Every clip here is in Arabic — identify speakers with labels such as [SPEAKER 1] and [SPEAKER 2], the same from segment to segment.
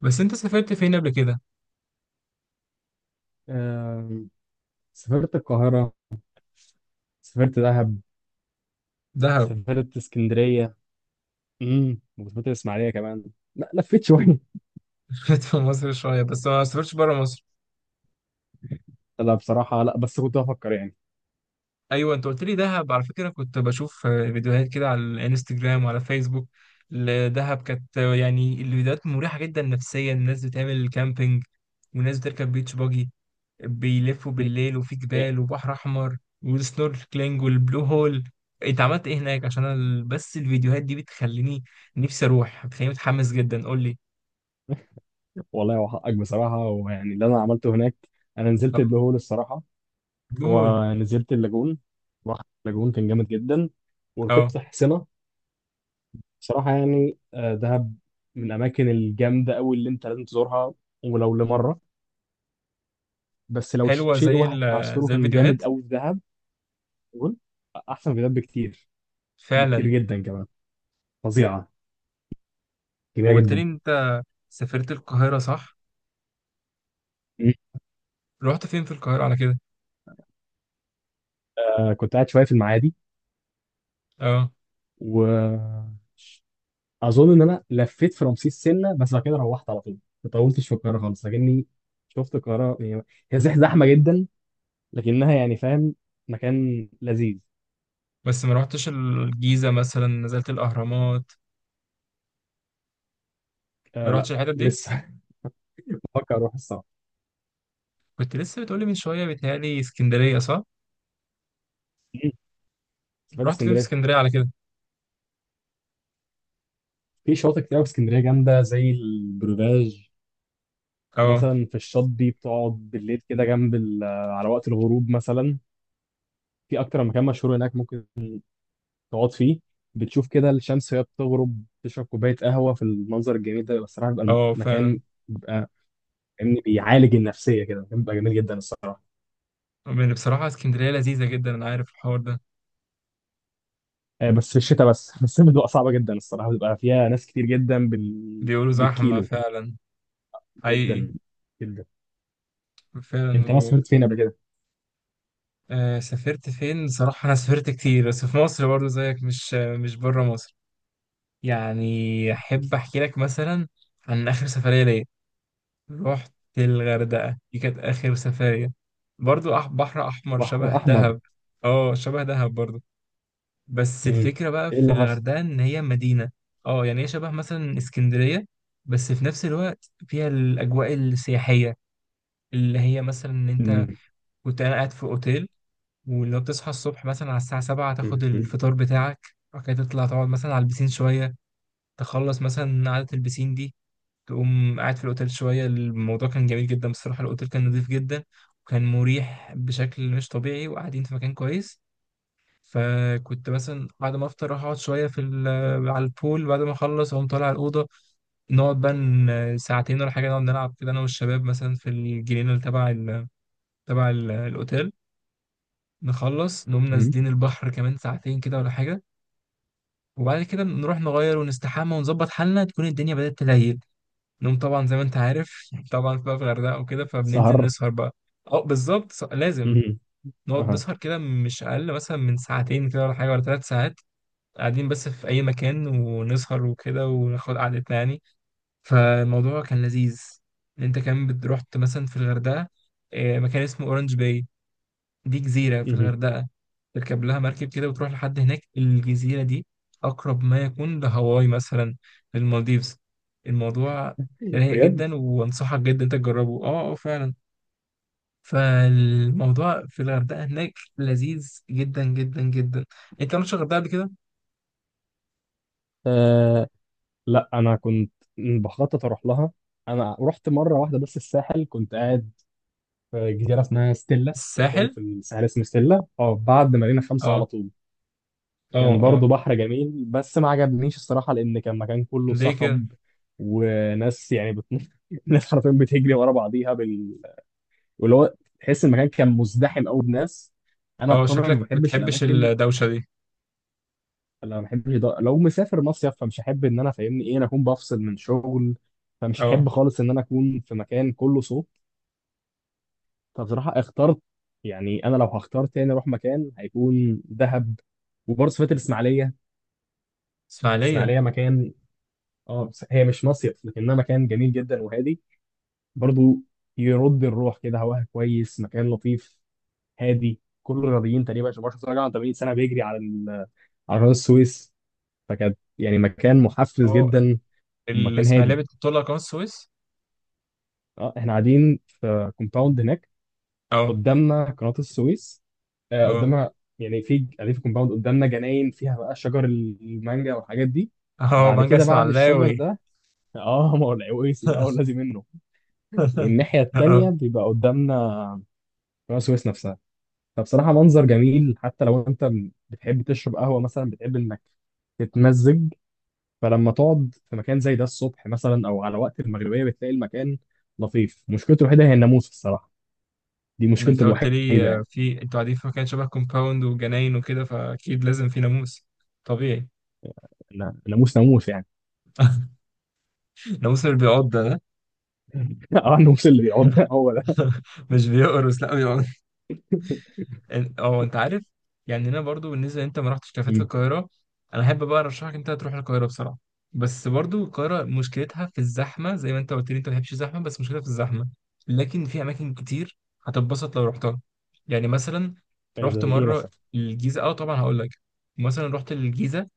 [SPEAKER 1] بس انت سافرت فين قبل كده؟
[SPEAKER 2] آم، سافرت القاهرة. سافرت دهب.
[SPEAKER 1] دهب.
[SPEAKER 2] سافرت اسكندرية. وسافرت الإسماعيلية كمان. لا، لفيت شوية.
[SPEAKER 1] سافرت في مصر شوية بس ما سافرتش بره مصر.
[SPEAKER 2] لا، بصراحة لا، بس كنت بفكر يعني.
[SPEAKER 1] ايوه، انت قلت لي دهب. على فكرة كنت بشوف فيديوهات كده على الانستجرام وعلى فيسبوك لدهب. كانت يعني الفيديوهات مريحة جدا نفسيا. الناس بتعمل كامبينج، وناس بتركب بيتش باجي، بيلفوا
[SPEAKER 2] مم.
[SPEAKER 1] بالليل، وفي
[SPEAKER 2] يعني،
[SPEAKER 1] جبال وبحر احمر، والسنوركلينج والبلو هول. انت عملت ايه هناك؟ عشان أنا بس الفيديوهات دي بتخليني نفسي اروح، بتخليني متحمس جدا، قول لي.
[SPEAKER 2] والله وحقك بصراحة، ويعني اللي أنا عملته هناك. أنا نزلت البلو هول الصراحة،
[SPEAKER 1] البلو هول،
[SPEAKER 2] ونزلت اللاجون. رحت اللاجون، كان جامد جدا.
[SPEAKER 1] اه.
[SPEAKER 2] وركبت حصينة. بصراحة يعني، دهب من الأماكن الجامدة أوي اللي أنت لازم تزورها ولو لمرة. بس لو
[SPEAKER 1] حلوة
[SPEAKER 2] شيء واحد هذكره
[SPEAKER 1] زي
[SPEAKER 2] كان
[SPEAKER 1] الفيديوهات.
[SPEAKER 2] جامد أوي في دهب. قول. احسن فيديوهات بكتير. بكتير
[SPEAKER 1] فعلا.
[SPEAKER 2] جدا كمان. فظيعه. جميله
[SPEAKER 1] وقلت لي
[SPEAKER 2] جدا.
[SPEAKER 1] انت سافرت القاهرة، صح؟
[SPEAKER 2] مم.
[SPEAKER 1] رحت فين في القاهرة على كده؟
[SPEAKER 2] كنت قاعد شويه في المعادي.
[SPEAKER 1] اه.
[SPEAKER 2] واظن ان انا لفيت في رمسيس سنه، بس بعد كده روحت على طول. ما طولتش في القاهره خالص، لكني شفت القاهره. يعني هي زحمه جدا، لكنها يعني، فاهم، مكان لذيذ.
[SPEAKER 1] بس ما رحتش الجيزة مثلا، نزلت الأهرامات؟ ما
[SPEAKER 2] آه، لا
[SPEAKER 1] رحتش الحتت دي؟
[SPEAKER 2] لسه. بفكر اروح الصراحه.
[SPEAKER 1] كنت لسه بتقولي من شوية، بيتهيألي اسكندرية صح؟
[SPEAKER 2] مم. سافرت
[SPEAKER 1] رحت فين في
[SPEAKER 2] اسكندريه.
[SPEAKER 1] اسكندرية على كده؟
[SPEAKER 2] في شواطئ كتير أوي في اسكندريه جامده، زي البروفاج.
[SPEAKER 1] اه
[SPEAKER 2] ومثلا في الشط دي بتقعد بالليل كده جنب على وقت الغروب مثلا. في اكتر مكان مشهور هناك ممكن تقعد فيه، بتشوف كده الشمس وهي بتغرب، تشرب كوبايه قهوه في المنظر الجميل ده، بيبقى الصراحه بيبقى
[SPEAKER 1] اه
[SPEAKER 2] المكان،
[SPEAKER 1] فعلا.
[SPEAKER 2] بيبقى فاهمني، بيعالج النفسيه كده. المكان بيبقى جميل جدا الصراحه.
[SPEAKER 1] يعني بصراحة اسكندرية لذيذة جدا، أنا عارف الحوار ده.
[SPEAKER 2] بس في الشتاء بس. في الصيف بتبقى صعبه جدا الصراحه، بتبقى فيها ناس كتير جدا
[SPEAKER 1] بيقولوا زحمة
[SPEAKER 2] بالكيلو.
[SPEAKER 1] فعلا. حقيقي.
[SPEAKER 2] جدا جدا.
[SPEAKER 1] فعلا
[SPEAKER 2] انت ما
[SPEAKER 1] و...
[SPEAKER 2] سافرت فين قبل كده؟
[SPEAKER 1] سافرت فين؟ بصراحة أنا سافرت كتير بس في مصر برضه زيك، مش بره مصر. يعني أحب أحكي لك مثلا عن آخر سفرية ليا. رحت الغردقة، دي كانت آخر سفرية. برضو بحر أحمر
[SPEAKER 2] بحر
[SPEAKER 1] شبه
[SPEAKER 2] احمر.
[SPEAKER 1] دهب. اه شبه دهب برضو. بس
[SPEAKER 2] مم.
[SPEAKER 1] الفكرة بقى
[SPEAKER 2] ايه
[SPEAKER 1] في
[SPEAKER 2] اللي حصل؟
[SPEAKER 1] الغردقة إن هي مدينة. اه يعني هي شبه مثلا اسكندرية، بس في نفس الوقت فيها الأجواء السياحية، اللي هي مثلا إن أنت...
[SPEAKER 2] مم.
[SPEAKER 1] كنت أنا قاعد في أوتيل، ولو بتصحى الصبح مثلا على الساعة 7، تاخد
[SPEAKER 2] مم.
[SPEAKER 1] الفطار بتاعك، وبعد كده تطلع تقعد مثلا على البسين شوية، تخلص مثلا قعدة البسين دي، تقوم قاعد في الأوتيل شوية. الموضوع كان جميل جدا بصراحة. الأوتيل كان نظيف جدا، وكان مريح بشكل مش طبيعي، وقاعدين في مكان كويس. فكنت مثلا بعد ما أفطر أروح أقعد شوية على البول، بعد ما أخلص أقوم طالع على الأوضة، نقعد بقى ساعتين ولا حاجة، نقعد نلعب كده أنا والشباب مثلا في الجنينة اللي الأوتيل. نخلص نقوم
[SPEAKER 2] مم.
[SPEAKER 1] نازلين البحر كمان ساعتين كده ولا حاجة. وبعد كده نروح نغير ونستحمى ونظبط حالنا، تكون الدنيا بدأت تليل. نوم طبعا زي ما انت عارف. طبعا بقى في الغردقه وكده، فبننزل
[SPEAKER 2] سهر.
[SPEAKER 1] نسهر بقى. اه بالظبط. لازم
[SPEAKER 2] مم.
[SPEAKER 1] نقعد
[SPEAKER 2] اها.
[SPEAKER 1] نسهر كده، مش اقل مثلا من ساعتين كده ولا حاجه، ولا 3 ساعات، قاعدين بس في اي مكان ونسهر وكده وناخد قعدتنا يعني. فالموضوع كان لذيذ. انت كمان رحت مثلا في الغردقه مكان اسمه اورنج باي، دي جزيرة في
[SPEAKER 2] مم.
[SPEAKER 1] الغردقة. تركب لها مركب كده وتروح لحد هناك. الجزيرة دي أقرب ما يكون لهاواي مثلا، للمالديفز. الموضوع رايق
[SPEAKER 2] بجد؟
[SPEAKER 1] جدا، وأنصحك جدا أنت تجربه. أه أه فعلا. فالموضوع في الغردقة هناك لذيذ جدا جدا جدا. أنت ما رحتش الغردقة قبل كده؟
[SPEAKER 2] لا، انا كنت بخطط اروح لها. انا رحت مره واحده بس، الساحل، كنت قاعد في جزيره اسمها ستيلا، مكان
[SPEAKER 1] الساحل؟
[SPEAKER 2] في الساحل اسمه ستيلا، اه بعد مارينا 5 على
[SPEAKER 1] أه.
[SPEAKER 2] طول. كان
[SPEAKER 1] أه أه.
[SPEAKER 2] برضو بحر جميل، بس ما عجبنيش الصراحه، لان كان مكان كله
[SPEAKER 1] ليه كده؟
[SPEAKER 2] صخب وناس يعني ناس حرفيا بتجري ورا بعضيها واللي هو، تحس المكان كان مزدحم قوي بناس. انا
[SPEAKER 1] أه
[SPEAKER 2] بطبعي ما
[SPEAKER 1] شكلك
[SPEAKER 2] بحبش
[SPEAKER 1] بتحبش
[SPEAKER 2] الاماكن.
[SPEAKER 1] الدوشة دي.
[SPEAKER 2] انا ما بحبش ده. لو مسافر مصيف فمش هحب ان انا، فاهمني، ايه، انا اكون بفصل من شغل، فمش
[SPEAKER 1] أه.
[SPEAKER 2] هحب خالص ان انا اكون في مكان كله صوت. فبصراحه اخترت، يعني انا لو هختار تاني اروح مكان هيكون دهب. وبرضه سافرت الاسماعيليه.
[SPEAKER 1] إسماعيلية.
[SPEAKER 2] الاسماعيليه مكان، اه، بس هي مش مصيف، لكنها مكان جميل جدا وهادي، برضه يرد الروح كده، هواها كويس، مكان لطيف هادي. كل الرياضيين تقريبا عشان برشلونه راجع عن 80 سنه بيجري على على قناه السويس. فكانت يعني مكان محفز
[SPEAKER 1] أه.
[SPEAKER 2] جدا، ومكان
[SPEAKER 1] الإسماعيلية
[SPEAKER 2] هادي.
[SPEAKER 1] بتطلع قناة السويس؟
[SPEAKER 2] اه، احنا قاعدين في كومباوند هناك،
[SPEAKER 1] أه.
[SPEAKER 2] قدامنا قناة السويس.
[SPEAKER 1] أه.
[SPEAKER 2] قدامنا، يعني في قاعدين في كومباوند، قدامنا جناين فيها بقى شجر المانجا والحاجات دي.
[SPEAKER 1] اهو
[SPEAKER 2] بعد
[SPEAKER 1] مانجا
[SPEAKER 2] كده بعد الشجر
[SPEAKER 1] اسماعيلاوي.
[SPEAKER 2] ده، اه، ما هو العويسي بقى والذي منه، والناحية
[SPEAKER 1] اهو.
[SPEAKER 2] التانية بيبقى قدامنا قناة السويس نفسها. فبصراحة منظر جميل. حتى لو انت بتحب تشرب قهوة مثلا، بتحب انك تتمزج، فلما تقعد في مكان زي ده الصبح مثلا او على وقت المغربية، بتلاقي المكان لطيف. مشكلته الوحيدة هي الناموس الصراحة، دي
[SPEAKER 1] ما
[SPEAKER 2] مشكلته
[SPEAKER 1] انت قلت
[SPEAKER 2] الوحيده
[SPEAKER 1] لي
[SPEAKER 2] يعني.
[SPEAKER 1] في انتوا قاعدين في مكان شبه كومباوند وجناين وكده، فاكيد لازم في ناموس طبيعي.
[SPEAKER 2] ناموس، ناموس يعني.
[SPEAKER 1] ناموس اللي بيعض ده.
[SPEAKER 2] اه، الناموس اللي بيقعدنا. هو ده.
[SPEAKER 1] مش بيقرص، لا. اه انت عارف يعني. انا برضو بالنسبه، انت ما رحتش كافيهات في
[SPEAKER 2] مم.
[SPEAKER 1] القاهره؟ انا احب بقى ارشحك انت تروح القاهره بصراحه، بس برضو القاهره مشكلتها في الزحمه، زي ما انت قلت لي انت ما بتحبش الزحمه، بس مشكلتها في الزحمه. لكن في اماكن كتير هتتبسط لو رحتها. يعني مثلا
[SPEAKER 2] إيه،
[SPEAKER 1] رحت
[SPEAKER 2] زي ايه
[SPEAKER 1] مره
[SPEAKER 2] مثلا؟
[SPEAKER 1] الجيزه، اه طبعا هقول لك. مثلا رحت الجيزه،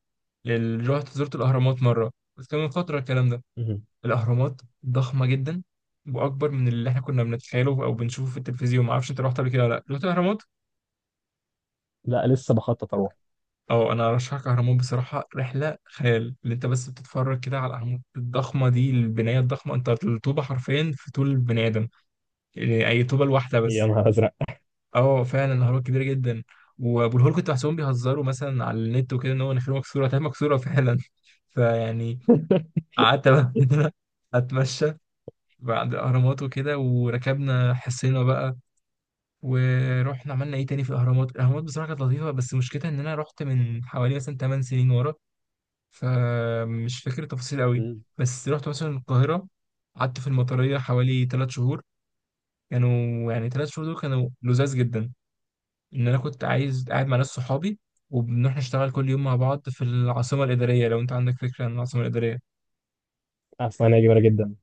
[SPEAKER 1] رحت زرت الاهرامات مره، بس كان من فتره الكلام ده.
[SPEAKER 2] مم.
[SPEAKER 1] الاهرامات ضخمه جدا، واكبر من اللي احنا كنا بنتخيله او بنشوفه في التلفزيون. ما اعرفش انت رحت قبل كده ولا لا، رحت الاهرامات
[SPEAKER 2] لا، لسه بخطط اروح.
[SPEAKER 1] او... انا ارشحك اهرامات بصراحه، رحله خيال. اللي انت بس بتتفرج كده على الاهرامات الضخمه دي، البنايه الضخمه، انت الطوبه حرفيا في طول البني ادم. يعني اي طوبه الواحده
[SPEAKER 2] يا
[SPEAKER 1] بس.
[SPEAKER 2] نهار ازرق!
[SPEAKER 1] اه فعلا الاهرامات كبيره جدا. وابو الهول كنت بحسهم بيهزروا مثلا على النت وكده، ان هو نخيل مكسوره. تمام، مكسوره فعلا. فيعني قعدت بقى كده، اتمشى بعد الاهرامات وكده، وركبنا حصينا بقى، ورحنا عملنا ايه تاني في الاهرامات. الاهرامات بصراحه كانت لطيفه، بس مشكلتها ان انا رحت من حوالي مثلا 8 سنين ورا، فمش فاكر التفاصيل قوي.
[SPEAKER 2] مم.
[SPEAKER 1] بس رحت مثلا القاهرة، قعدت في المطرية حوالي 3 شهور. كانوا يعني 3 شهور دول كانوا لذاذ جدا، إن أنا كنت عايز قاعد مع ناس صحابي، وبنروح نشتغل كل يوم مع بعض في العاصمة الإدارية. لو أنت عندك فكرة عن العاصمة الإدارية.
[SPEAKER 2] اسمعني، جميله جدا.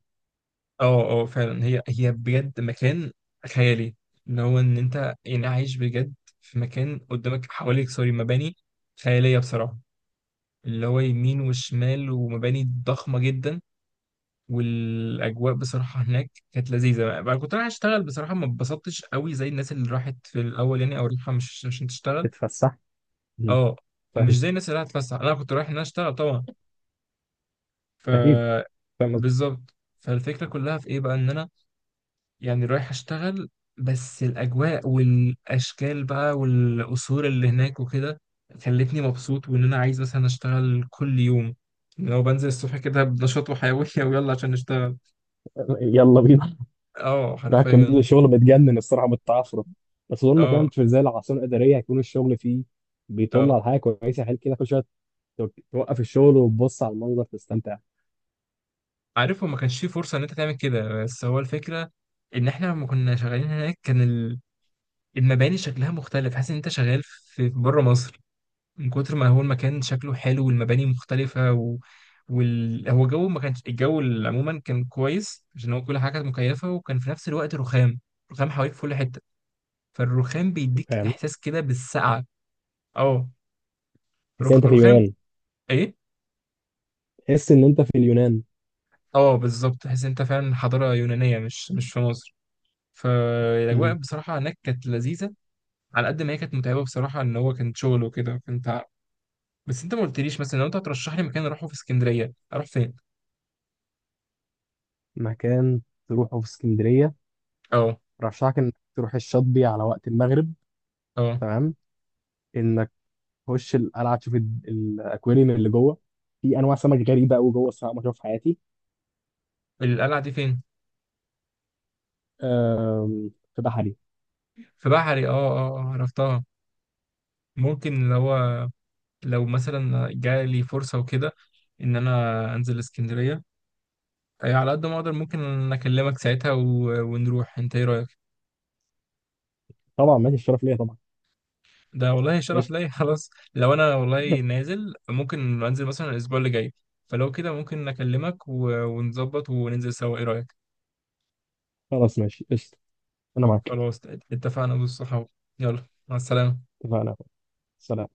[SPEAKER 1] اه اه فعلا هي بجد مكان خيالي. اللي هو إن أنت يعني عايش بجد في مكان قدامك، حواليك، سوري، مباني خيالية بصراحة، اللي هو يمين وشمال ومباني ضخمة جدا. والاجواء بصراحه هناك كانت لذيذه، بقى كنت رايح اشتغل بصراحه، ما اتبسطتش قوي زي الناس اللي راحت في الاول يعني، او رايحه مش عشان تشتغل.
[SPEAKER 2] تتفسح. مم.
[SPEAKER 1] اه.
[SPEAKER 2] فاهم.
[SPEAKER 1] مش زي الناس اللي راحت تفسح، انا كنت رايح ان انا اشتغل طبعا. ف...
[SPEAKER 2] اكيد. فاهم قصدي؟
[SPEAKER 1] بالظبط. فالفكره كلها في ايه بقى، ان انا يعني رايح اشتغل، بس الاجواء والاشكال بقى والقصور اللي هناك وكده خلتني مبسوط، وان انا عايز مثلا اشتغل كل يوم. لو بنزل الصبح كده بنشاط وحيويه ويلا عشان نشتغل.
[SPEAKER 2] يلا بينا.
[SPEAKER 1] اه
[SPEAKER 2] راح كان بيبدأ
[SPEAKER 1] حرفيا.
[SPEAKER 2] الشغل بتجنن الصراحه من التعثر، بس طول ما
[SPEAKER 1] اه
[SPEAKER 2] كانت في زي العاصمه الاداريه هيكون الشغل فيه بيطل
[SPEAKER 1] اه.
[SPEAKER 2] على حاجه كويسه، حلو كده كل شويه توقف الشغل وتبص على المنظر، تستمتع.
[SPEAKER 1] عارف، هو ما كانش فيه فرصة ان انت تعمل كده، بس هو الفكرة ان احنا لما كنا شغالين هناك، كان المباني شكلها مختلف، حاسس ان انت شغال في بره مصر، من كتر ما هو المكان شكله حلو والمباني مختلفة و... هو جو ما كانش عموما كان كويس عشان هو كل حاجة كانت مكيفة، وكان في نفس الوقت رخام، رخام حواليك في كل حتة. فالرخام بيديك
[SPEAKER 2] فاهم.
[SPEAKER 1] احساس كده بالسقعة. اه.
[SPEAKER 2] تحس ان انت في
[SPEAKER 1] رخام،
[SPEAKER 2] اليونان.
[SPEAKER 1] ايه.
[SPEAKER 2] تحس ان انت في اليونان.
[SPEAKER 1] اه بالظبط، تحس إن انت فعلا حضارة يونانية، مش في مصر. فالاجواء بصراحه هناك كانت لذيذه، على قد ما هي كانت متعبه بصراحه، ان هو كان شغل وكده، كنت بس انت ما قلتليش مثلا، لو انت هترشح لي مكان اروحه في اسكندريه، اروح فين؟
[SPEAKER 2] مكان تروحه في اسكندرية،
[SPEAKER 1] اه.
[SPEAKER 2] رشحك إنك تروح الشاطبي على وقت المغرب.
[SPEAKER 1] اه.
[SPEAKER 2] تمام، إنك تخش القلعة، تشوف الأكواريوم اللي جوه. في أنواع سمك غريبة أوي جوه، الصراحة ما أشوفها في حياتي.
[SPEAKER 1] القلعه دي فين؟
[SPEAKER 2] أم، في بحري.
[SPEAKER 1] في بحري. اه اه عرفتها. ممكن لو، لو مثلا جالي فرصه وكده ان انا انزل اسكندريه، أي على قد ما اقدر ممكن اكلمك ساعتها و... ونروح، انت ايه رايك؟
[SPEAKER 2] طبعا ماشي، الشرف ليا طبعا.
[SPEAKER 1] ده والله شرف
[SPEAKER 2] قشطة.
[SPEAKER 1] ليا. خلاص لو انا والله نازل، ممكن انزل مثلا الاسبوع اللي جاي. فلو كده ممكن اكلمك ونظبط وننزل سوا، ايه رايك؟
[SPEAKER 2] خلاص ماشي، قشطة. أنا معاك.
[SPEAKER 1] خلاص اتفقنا بالصحاب. يلا مع السلامه.
[SPEAKER 2] اتفقنا. سلام.